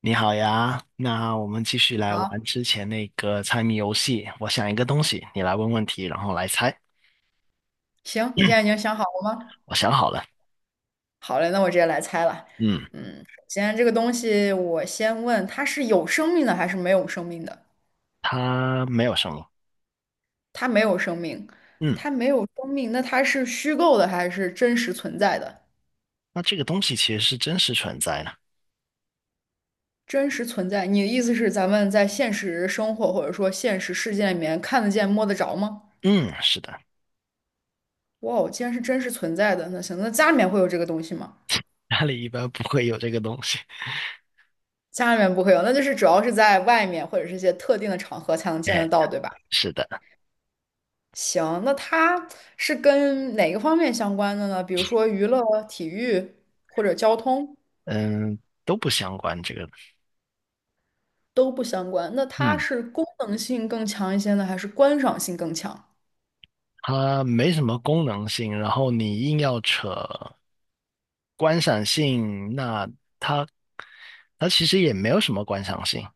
你好呀，那我们继续来好，玩之前那个猜谜游戏。我想一个东西，你来问问题，然后来猜。行，你现在已经想好了吗？我想好了。好嘞，那我直接来猜了。嗯，嗯，首先这个东西，我先问它是有生命的还是没有生命的？它没有生物。它没有生命，嗯，它没有生命，那它是虚构的还是真实存在的？那这个东西其实是真实存在的。真实存在，你的意思是咱们在现实生活或者说现实世界里面看得见、摸得着吗？嗯，是的。哇哦，既然是真实存在的，那行，那家里面会有这个东西吗？家里一般不会有这个东西。家里面不会有，那就是主要是在外面或者是一些特定的场合才能见得哎，到，对吧？是的。行，那它是跟哪个方面相关的呢？比如说娱乐、体育或者交通嗯，都不相关这个。都不相关。那它嗯，是功能性更强一些呢，还是观赏性更强？它没什么功能性，然后你硬要扯观赏性，那它其实也没有什么观赏性。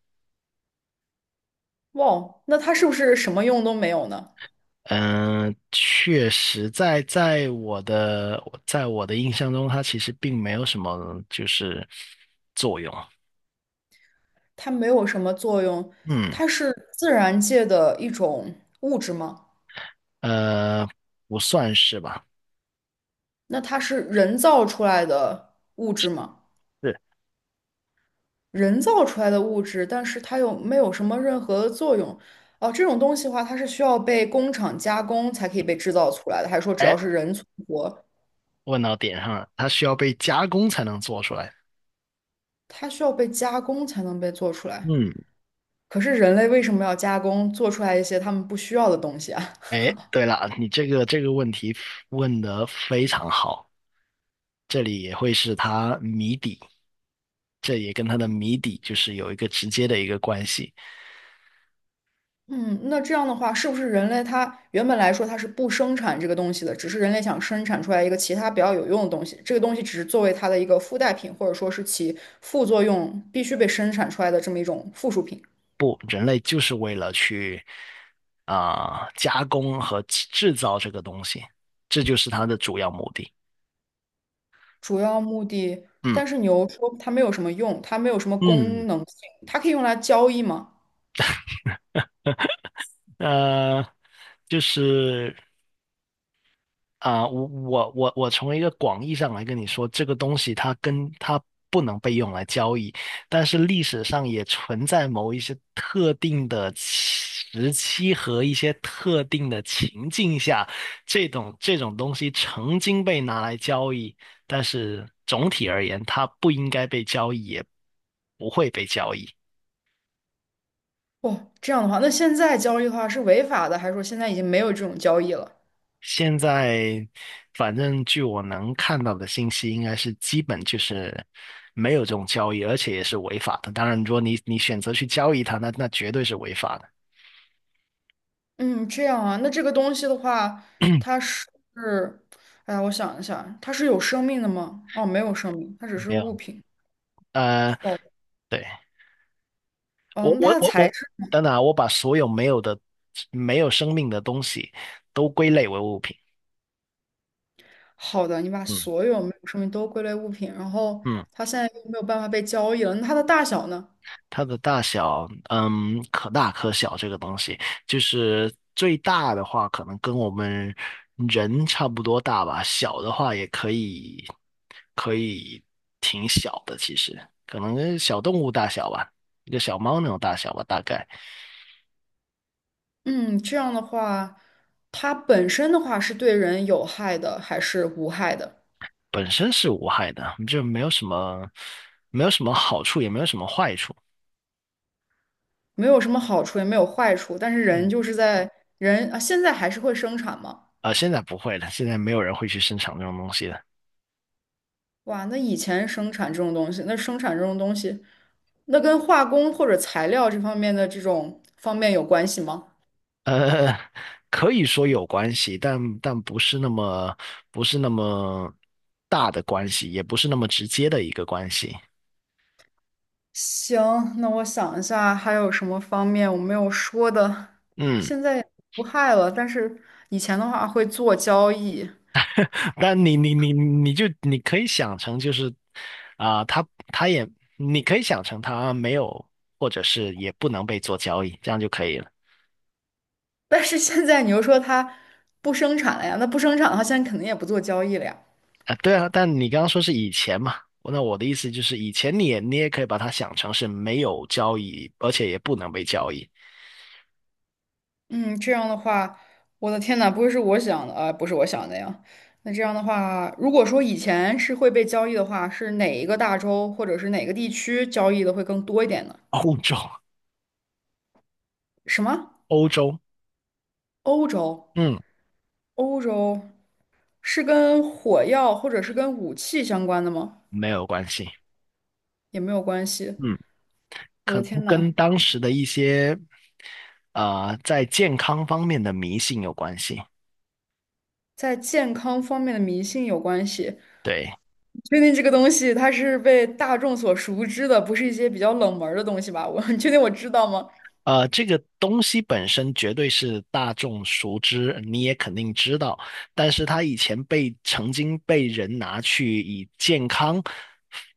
哇，那它是不是什么用都没有呢？嗯，确实在我的印象中，它其实并没有什么就是作用。它没有什么作用，嗯。它是自然界的一种物质吗？呃，不算是吧？那它是人造出来的物质吗？是。人造出来的物质，但是它又没有什么任何的作用。哦，这种东西的话，它是需要被工厂加工才可以被制造出来的，还是说只要哎，是人存活，问到点上了，它需要被加工才能做出来。它需要被加工才能被做出来？嗯。可是人类为什么要加工做出来一些他们不需要的东西啊？哎，对了，你这个问题问得非常好，这里也会是它谜底，这也跟它的谜底就是有一个直接的一个关系。嗯，那这样的话，是不是人类它原本来说它是不生产这个东西的，只是人类想生产出来一个其他比较有用的东西，这个东西只是作为它的一个附带品，或者说是其副作用必须被生产出来的这么一种附属品？不，人类就是为了去加工和制造这个东西，这就是它的主要目的。主要目的，嗯。但是你又说它没有什么用，它没有什么嗯，功能性，它可以用来交易吗？呃，就是。我从一个广义上来跟你说，这个东西它跟它不能被用来交易，但是历史上也存在某一些特定的时期和一些特定的情境下，这种东西曾经被拿来交易，但是总体而言，它不应该被交易，也不会被交易。哦，这样的话，那现在交易的话是违法的，还是说现在已经没有这种交易了？现在反正据我能看到的信息，应该是基本就是没有这种交易，而且也是违法的。当然，如果你选择去交易它，那绝对是违法的。嗯，这样啊，那这个东西的话，它是，哎呀，我想一下，它是有生命的吗？哦，没有生命，它只是没物有。品。呃，哦，对。哦，我那我它的我材质，我，等等啊，我把所有没有生命的东西都归类为物品。好的，你把嗯。所有没有生命都归类物品，然后嗯，它现在又没有办法被交易了，那它的大小呢？它的大小，嗯，可大可小。这个东西就是最大的话，可能跟我们人差不多大吧。小的话也可以，可以挺小的。其实可能跟小动物大小吧，一个小猫那种大小吧，大概嗯，这样的话，它本身的话是对人有害的还是无害的？本身是无害的，就没有什么，没有什么好处，也没有什么坏处。没有什么好处，也没有坏处，但是人嗯。就是在人啊，现在还是会生产嘛。现在不会了，现在没有人会去生产这种东西了。哇，那以前生产这种东西，那生产这种东西，那跟化工或者材料这方面的这种方面有关系吗？呃，可以说有关系，但但不是那么不是那么大的关系，也不是那么直接的一个关系。行，那我想一下，还有什么方面我没有说的？嗯，现在也无害了，但是以前的话会做交易。但你就你可以想成就是，他也你可以想成他没有，或者是也不能被做交易，这样就可以了。但是现在你又说它不生产了呀，那不生产的话，现在肯定也不做交易了呀。啊，对啊，但你刚刚说是以前嘛，那我的意思就是以前你也可以把它想成是没有交易，而且也不能被交易。嗯，这样的话，我的天呐，不会是我想的啊，不是我想的呀。那这样的话，如果说以前是会被交易的话，是哪一个大洲或者是哪个地区交易的会更多一点呢？欧洲。什么？欧洲。欧洲？嗯。欧洲是跟火药或者是跟武器相关的吗？没有关系。也没有关系。嗯，我可的能天呐，跟当时的一些在健康方面的迷信有关系。在健康方面的迷信有关系。对。确定这个东西它是被大众所熟知的，不是一些比较冷门儿的东西吧？我 你确定我知道吗？这个东西本身绝对是大众熟知，你也肯定知道，但是它以前曾经被人拿去以健康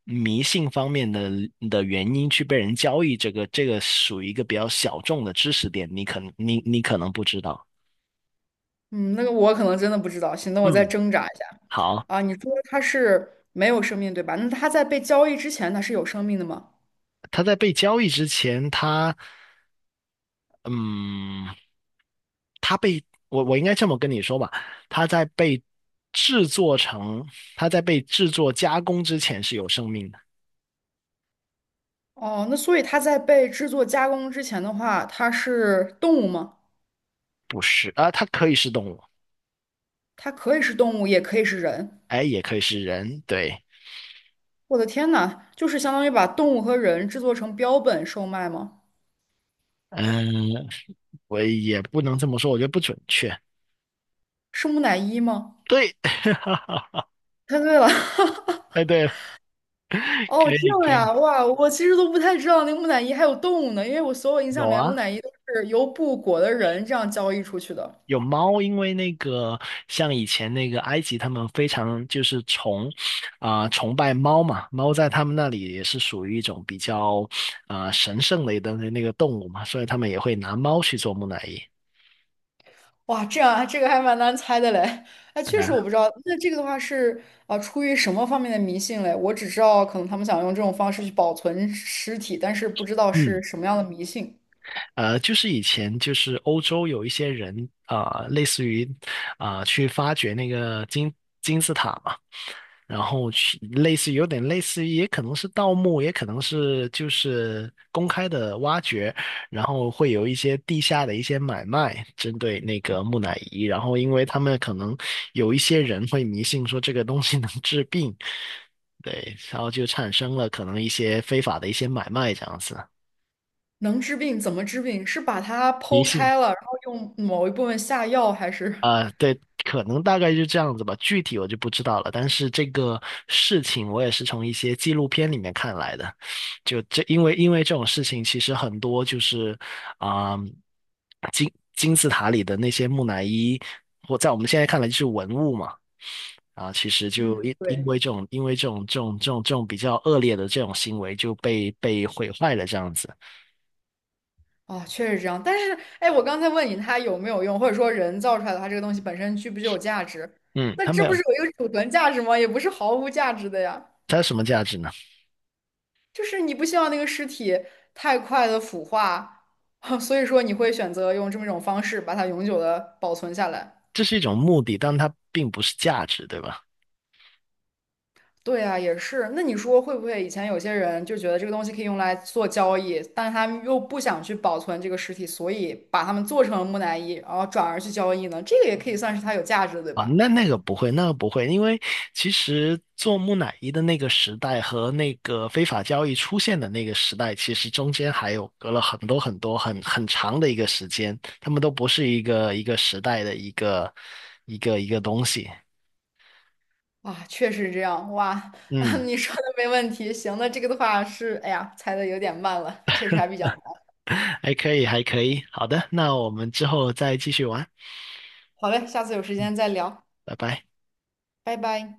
迷信方面的的原因去被人交易，这个属于一个比较小众的知识点，你可能不知道。嗯，那个我可能真的不知道。行，那我再嗯，挣扎一下好。啊。你说它是没有生命，对吧？那它在被交易之前，它是有生命的吗？他在被交易之前，他。嗯，我我应该这么跟你说吧，它在被制作成，它在被制作加工之前是有生命的。哦，那所以它在被制作加工之前的话，它是动物吗？不是啊，它可以是动物。它可以是动物，也可以是人。哎，也可以是人，对。我的天呐，就是相当于把动物和人制作成标本售卖吗？嗯，我也不能这么说，我觉得不准确。是木乃伊吗？对。猜对了。哎，对，可哦，这以样可以。呀，哇，我其实都不太知道那个木乃伊还有动物呢，因为我所有印象里有面木啊，乃伊都是由布裹的人这样交易出去的。有猫，因为那个像以前那个埃及，他们非常就是崇拜猫嘛，猫在他们那里也是属于一种比较神圣的一个那个动物嘛，所以他们也会拿猫去做木乃伊。哇，这样啊这个还蛮难猜的嘞。哎，对确实我啊。不知道。那这个的话是出于什么方面的迷信嘞？我只知道可能他们想用这种方式去保存尸体，但是不知道嗯。是什么样的迷信。就是以前就是欧洲有一些人类似于去发掘那个金字塔嘛，然后去类似于有点类似于，也可能是盗墓，也可能是就是公开的挖掘，然后会有一些地下的一些买卖，针对那个木乃伊，然后因为他们可能有一些人会迷信说这个东西能治病。对，然后就产生了可能一些非法的一些买卖这样子。能治病怎么治病？是把它迷剖信。开了，然后用某一部分下药，还是？对，可能大概就这样子吧，具体我就不知道了。但是这个事情我也是从一些纪录片里面看来的，就这，因为这种事情其实很多就是，啊、金字塔里的那些木乃伊，或在我们现在看来就是文物嘛。啊，其实就嗯，对。因为这种比较恶劣的这种行为就被毁坏了这样子。哦，确实这样。但是，哎，我刚才问你它有没有用，或者说人造出来的它这个东西本身具不具有价值？嗯，那它没这不有。是有一个储存价值吗？也不是毫无价值的呀。它有什么价值呢？就是你不希望那个尸体太快的腐化，所以说你会选择用这么一种方式把它永久的保存下来。这是一种目的，但它并不是价值，对吧？对啊，也是。那你说会不会以前有些人就觉得这个东西可以用来做交易，但是他们又不想去保存这个尸体，所以把它们做成了木乃伊，然后转而去交易呢？这个也可以算是它有价值的，对啊，吧？那那个不会，那个不会，因为其实做木乃伊的那个时代和那个非法交易出现的那个时代，其实中间还有隔了很多很多很长的一个时间，他们都不是一个时代的一个东西。哇，确实这样。哇，嗯，你说的没问题。行，那这个的话是，哎呀，猜的有点慢了，确实还比较难。还可以，还可以。好的，那我们之后再继续玩。好嘞，下次有时间再聊，拜拜。拜拜。